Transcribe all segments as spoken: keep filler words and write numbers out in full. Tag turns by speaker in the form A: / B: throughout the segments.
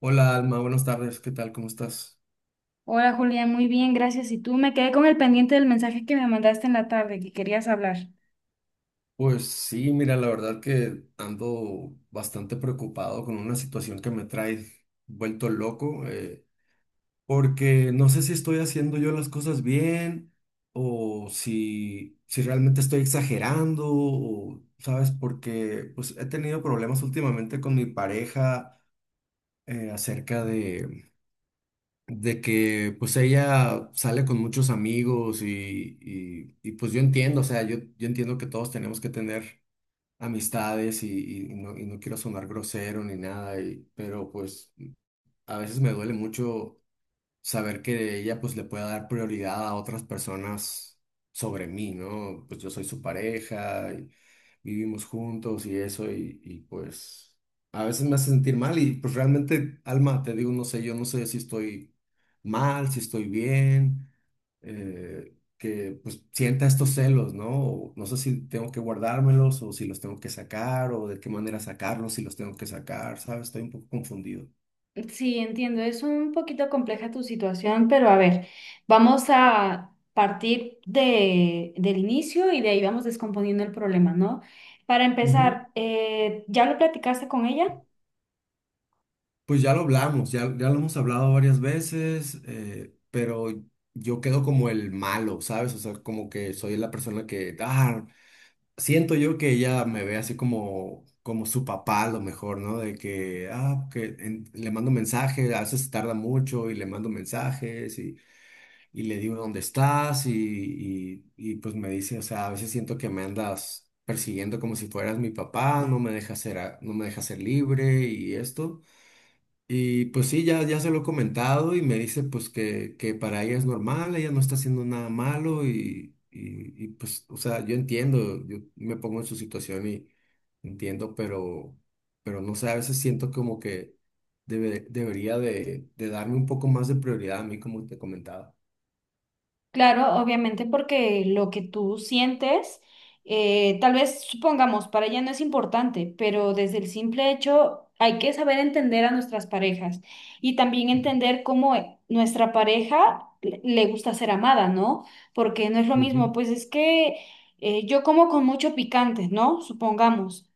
A: Hola Alma, buenas tardes, ¿qué tal? ¿Cómo estás?
B: Hola Julián, muy bien, gracias. Y tú me quedé con el pendiente del mensaje que me mandaste en la tarde, que querías hablar.
A: Pues sí, mira, la verdad que ando bastante preocupado con una situación que me trae vuelto loco, eh, porque no sé si estoy haciendo yo las cosas bien o si, si realmente estoy exagerando, o, ¿sabes? Porque pues he tenido problemas últimamente con mi pareja, eh, acerca de de que pues ella sale con muchos amigos y, y- y, pues yo entiendo, o sea, yo, yo entiendo que todos tenemos que tener amistades y, y no, y no quiero sonar grosero ni nada, y- pero pues a veces me duele mucho saber que ella pues le pueda dar prioridad a otras personas sobre mí, ¿no? Pues yo soy su pareja y vivimos juntos y eso y, y, pues a veces me hace sentir mal y pues realmente, Alma, te digo, no sé, yo no sé si estoy mal, si estoy bien, eh, que pues sienta estos celos, ¿no? O no sé si tengo que guardármelos o si los tengo que sacar o de qué manera sacarlos, si los tengo que sacar, ¿sabes? Estoy un poco confundido.
B: Sí, entiendo, es un poquito compleja tu situación, pero a ver, vamos a partir de, del inicio y de ahí vamos descomponiendo el problema, ¿no? Para empezar, eh, ¿ya lo platicaste con ella?
A: Pues ya lo hablamos, ya, ya lo hemos hablado varias veces, eh, pero yo quedo como el malo, ¿sabes? O sea, como que soy la persona que, ah, siento yo que ella me ve así como, como su papá a lo mejor, ¿no? De que, ah, que en- le mando mensajes, a veces tarda mucho y le mando mensajes y, y le digo dónde estás y, y, y, pues me dice, o sea, a veces siento que me andas persiguiendo como si fueras mi papá, no me deja ser, a- no me deja ser libre y esto. Y pues sí, ya, ya se lo he comentado y me dice pues que, que para ella es normal, ella no está haciendo nada malo y, y, y, pues, o sea, yo entiendo, yo me pongo en su situación y entiendo, pero, pero no sé, a veces siento como que debe- debería de, de darme un poco más de prioridad a mí, como te comentaba.
B: Claro, obviamente porque lo que tú sientes, eh, tal vez supongamos, para ella no es importante, pero desde el simple hecho hay que saber entender a nuestras parejas y también
A: Ujú.
B: entender cómo e- nuestra pareja le le gusta ser amada, ¿no? Porque no es lo
A: Ujú.
B: mismo, pues es que eh, yo como con mucho picante, ¿no? Supongamos.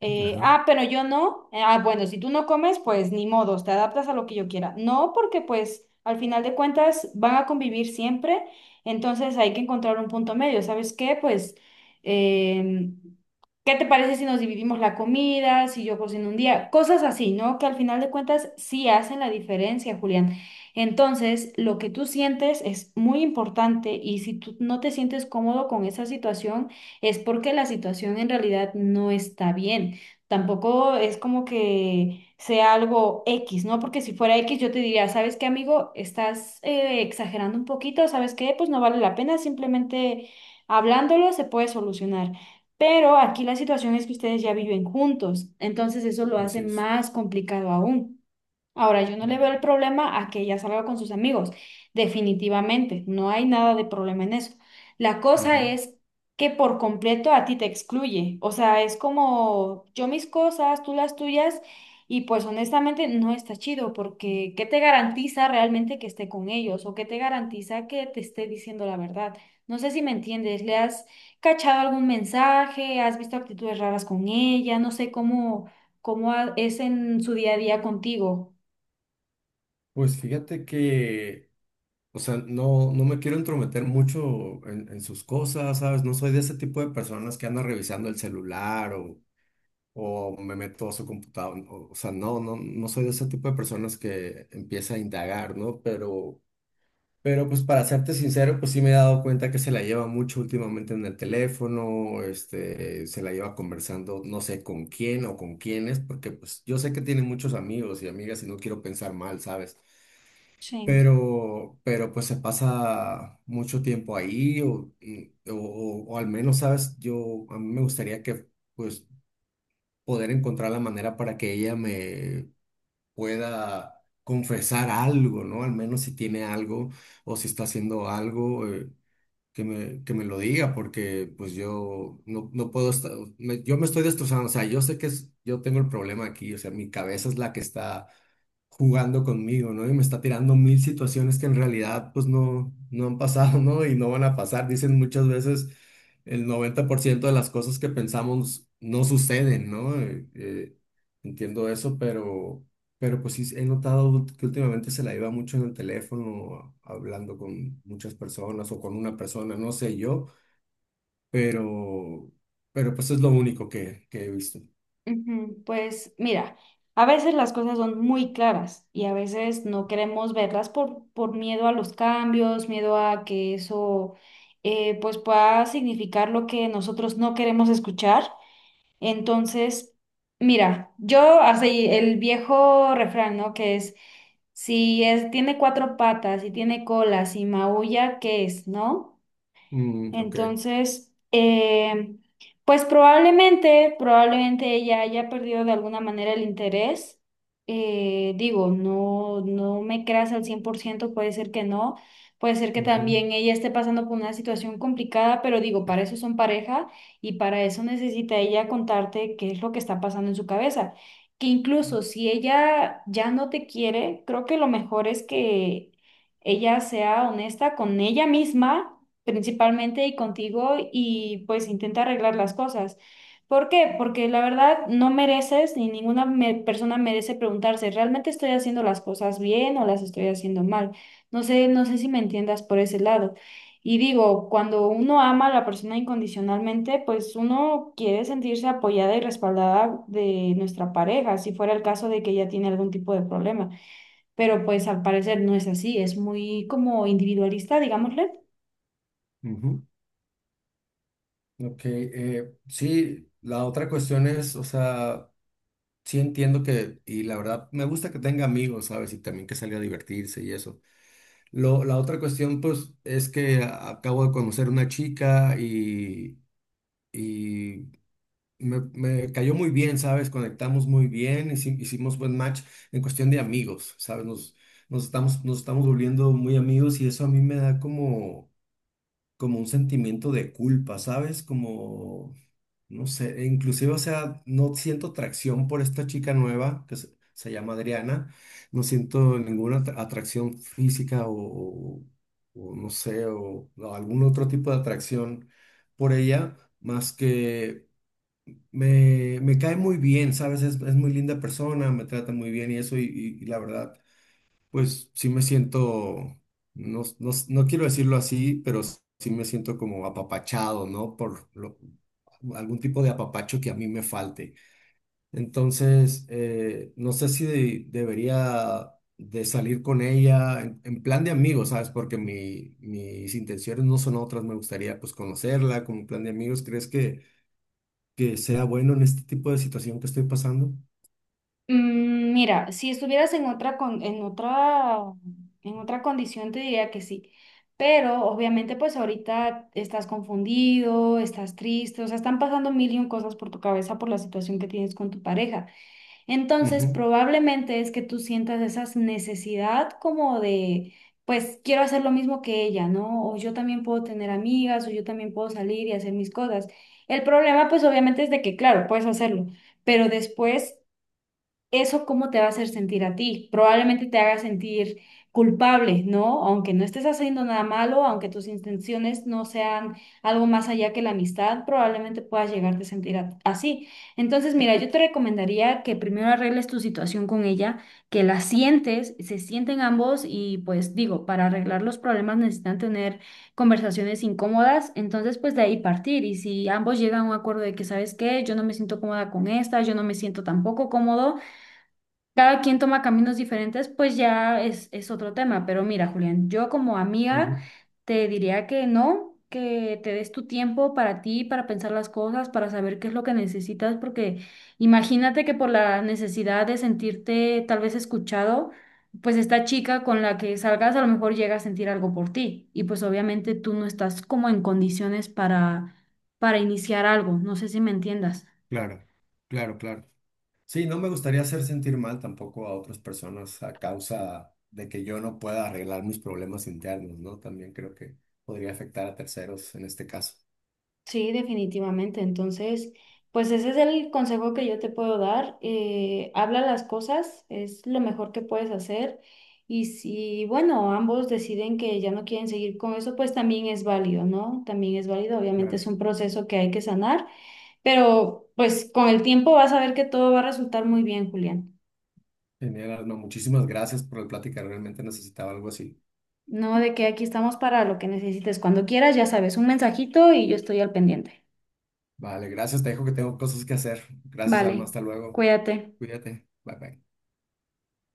B: Eh,
A: Ajá,
B: ah, pero yo no. Eh, Ah, bueno, si tú no comes, pues ni modos, te adaptas a lo que yo quiera. No, porque pues al final de cuentas van a convivir siempre, entonces hay que encontrar un punto medio. ¿Sabes qué? Pues em, ¿Qué te parece si nos dividimos la comida, si yo cocino un día? Cosas así, ¿no? Que al final de cuentas sí hacen la diferencia, Julián. Entonces, lo que tú sientes es muy importante y si tú no te sientes cómodo con esa situación, es porque la situación en realidad no está bien. Tampoco es como que sea algo X, ¿no? Porque si fuera X, yo te diría, ¿sabes qué, amigo? Estás eh, exagerando un poquito, ¿sabes qué? Pues no vale la pena, simplemente hablándolo se puede solucionar. Pero aquí la situación es que ustedes ya viven juntos, entonces eso lo hace
A: así es.
B: más complicado aún. Ahora, yo no le veo el
A: Mm.
B: problema a que ella salga con sus amigos. Definitivamente, no hay nada de problema en eso. La cosa
A: Ujú.
B: es que por completo a ti te excluye. O sea, es como yo mis cosas, tú las tuyas, y pues honestamente no está chido porque ¿qué te garantiza realmente que esté con ellos? ¿O qué te garantiza que te esté diciendo la verdad? No sé si me entiendes. ¿Le has cachado algún mensaje? ¿Has visto actitudes raras con ella? No sé cómo, cómo es en su día a día contigo.
A: Pues fíjate que… O sea, no, no me quiero entrometer mucho en, en sus cosas, ¿sabes? No soy de ese tipo de personas que andan revisando el celular o, o me meto a su computador. O, o sea, no, no, no soy de ese tipo de personas que empieza a indagar, ¿no? Pero, pero pues para serte sincero, pues sí me he dado cuenta que se la lleva mucho últimamente en el teléfono, este, se la lleva conversando, no sé con quién o con quiénes, porque pues yo sé que tiene muchos amigos y amigas y no quiero pensar mal, ¿sabes?
B: Sí,
A: pero, pero pues se pasa mucho tiempo ahí o, y- o, o- o al menos, ¿sabes? Yo, a mí me gustaría que, pues, poder encontrar la manera para que ella me pueda confesar algo, ¿no? Al menos si tiene algo o si está haciendo algo. Eh, que me, que me lo diga, porque pues yo no, no puedo estar, me- yo me estoy destrozando, o sea, yo sé que es- yo tengo el problema aquí, o sea, mi cabeza es la que está jugando conmigo, ¿no? Y me está tirando mil situaciones que en realidad pues no, no han pasado, ¿no? Y no van a pasar. Dicen muchas veces el noventa por ciento de las cosas que pensamos no suceden, ¿no? Eh, eh, entiendo eso, pero… Pero pues sí, he notado ult- que últimamente se la lleva mucho en el teléfono, hablando con muchas personas o con una persona, no sé yo, pero, pero pues es lo único que, que he visto.
B: ujú. Pues mira, a veces las cosas son muy claras y a veces no queremos verlas por, por miedo a los cambios, miedo a que eso eh, pues pueda significar lo que nosotros no queremos escuchar. Entonces, mira, yo así el viejo refrán, ¿no? Que es, si es, tiene cuatro patas, si tiene cola, si maulla, ¿qué es, no?
A: Mm, ok.
B: Entonces, eh, pues probablemente, probablemente ella haya perdido de alguna manera el interés. Eh, digo, no, no me creas al cien por ciento, puede ser que no, puede ser que
A: Ujú.
B: también ella esté pasando por una situación complicada, pero digo, para eso son pareja y para eso necesita ella contarte qué es lo que está pasando en su cabeza. Que incluso si ella ya no te quiere, creo que lo mejor es que ella sea honesta con ella misma principalmente y contigo y pues intenta arreglar las cosas. ¿Por qué? Porque la verdad no mereces ni ninguna me- persona merece preguntarse, ¿realmente estoy haciendo las cosas bien o las estoy haciendo mal? No sé, no sé si me entiendas por ese lado. Y digo, cuando uno ama a la persona incondicionalmente, pues uno quiere sentirse apoyada y respaldada de nuestra pareja, si fuera el caso de que ella tiene algún tipo de problema. Pero pues al parecer no es así, es muy como individualista, digámosle.
A: Ujú. Ok, eh, sí, la otra cuestión es, o sea, sí entiendo que, y la verdad, me gusta que tenga amigos, ¿sabes? Y también que salga a divertirse y eso. Lo, la otra cuestión, pues, es que a- acabo de conocer una chica y, y Me, me cayó muy bien, ¿sabes? Conectamos muy bien, hici- hicimos buen match en cuestión de amigos, ¿sabes? Nos, nos estamos, nos estamos volviendo muy amigos y eso a mí me da como, como un sentimiento de culpa, ¿sabes? Como, no sé, e inclusive, o sea, no siento atracción por esta chica nueva que se, se llama Adriana, no siento ninguna atra- atracción física o, o no sé, o o algún otro tipo de atracción por ella, más que me, me cae muy bien, ¿sabes? Es, es muy linda persona, me trata muy bien y eso, y, y- y la verdad, pues sí me siento, no, no, no quiero decirlo así, pero sí me siento como apapachado, ¿no? Por lo- algún tipo de apapacho que a mí me falte. Entonces, eh, no sé si de- debería de salir con ella en, en plan de amigos, ¿sabes? Porque mi, mis intenciones no son otras, me gustaría pues conocerla como plan de amigos. ¿Crees que que sea bueno en este tipo de situación que estoy pasando?
B: Mm. Mira, si estuvieras en otra con- en otra en otra condición te diría que sí, pero obviamente pues ahorita estás confundido, estás triste, o sea, están pasando mil y un cosas por tu cabeza por la situación que tienes con tu pareja. Entonces,
A: Ujú.
B: probablemente es que tú sientas esa necesidad como de pues quiero hacer lo mismo que ella, ¿no? O yo también puedo tener amigas, o yo también puedo salir y hacer mis cosas. El problema pues obviamente es de que claro, puedes hacerlo pero después eso cómo te va a hacer sentir a ti. Probablemente te haga sentir culpable, ¿no? Aunque no estés haciendo nada malo, aunque tus intenciones no sean algo más allá que la amistad, probablemente puedas llegarte a sentir a- así. Entonces, mira, yo te recomendaría que primero arregles tu situación con ella, que la sientes, se sienten ambos y pues digo, para arreglar los problemas necesitan tener conversaciones incómodas, entonces pues de ahí partir y si ambos llegan a un acuerdo de que, ¿sabes qué? Yo no me siento cómoda con esta, yo no me siento tampoco cómodo, cada quien toma caminos diferentes, pues ya es, es otro tema. Pero mira, Julián, yo como amiga
A: Ujú,
B: te diría que no, que te des tu tiempo para ti, para pensar las cosas, para saber qué es lo que necesitas, porque imagínate que por la necesidad de sentirte tal vez escuchado, pues esta chica con la que salgas a lo mejor llega a sentir algo por ti y pues obviamente tú no estás como en condiciones para, para iniciar algo. No sé si me entiendas.
A: claro, claro, claro. Sí, no me gustaría hacer sentir mal tampoco a otras personas a causa de que yo no pueda arreglar mis problemas internos, ¿no? También creo que podría afectar a terceros en este caso.
B: Sí, definitivamente. Entonces, pues ese es el consejo que yo te puedo dar. Eh, habla las cosas, es lo mejor que puedes hacer. Y si, bueno, ambos deciden que ya no quieren seguir con eso, pues también es válido, ¿no? También es válido. Obviamente
A: Claro.
B: es un proceso que hay que sanar, pero pues con el tiempo vas a ver que todo va a resultar muy bien, Julián.
A: Genial, Alma. Muchísimas gracias por la plática. Realmente necesitaba algo así.
B: No, de que aquí estamos para lo que necesites. Cuando quieras, ya sabes, un mensajito y yo estoy al pendiente.
A: Vale, gracias. Te dejo que tengo cosas que hacer. Gracias, Alma.
B: Vale,
A: Hasta luego.
B: cuídate.
A: Cuídate. Bye, bye.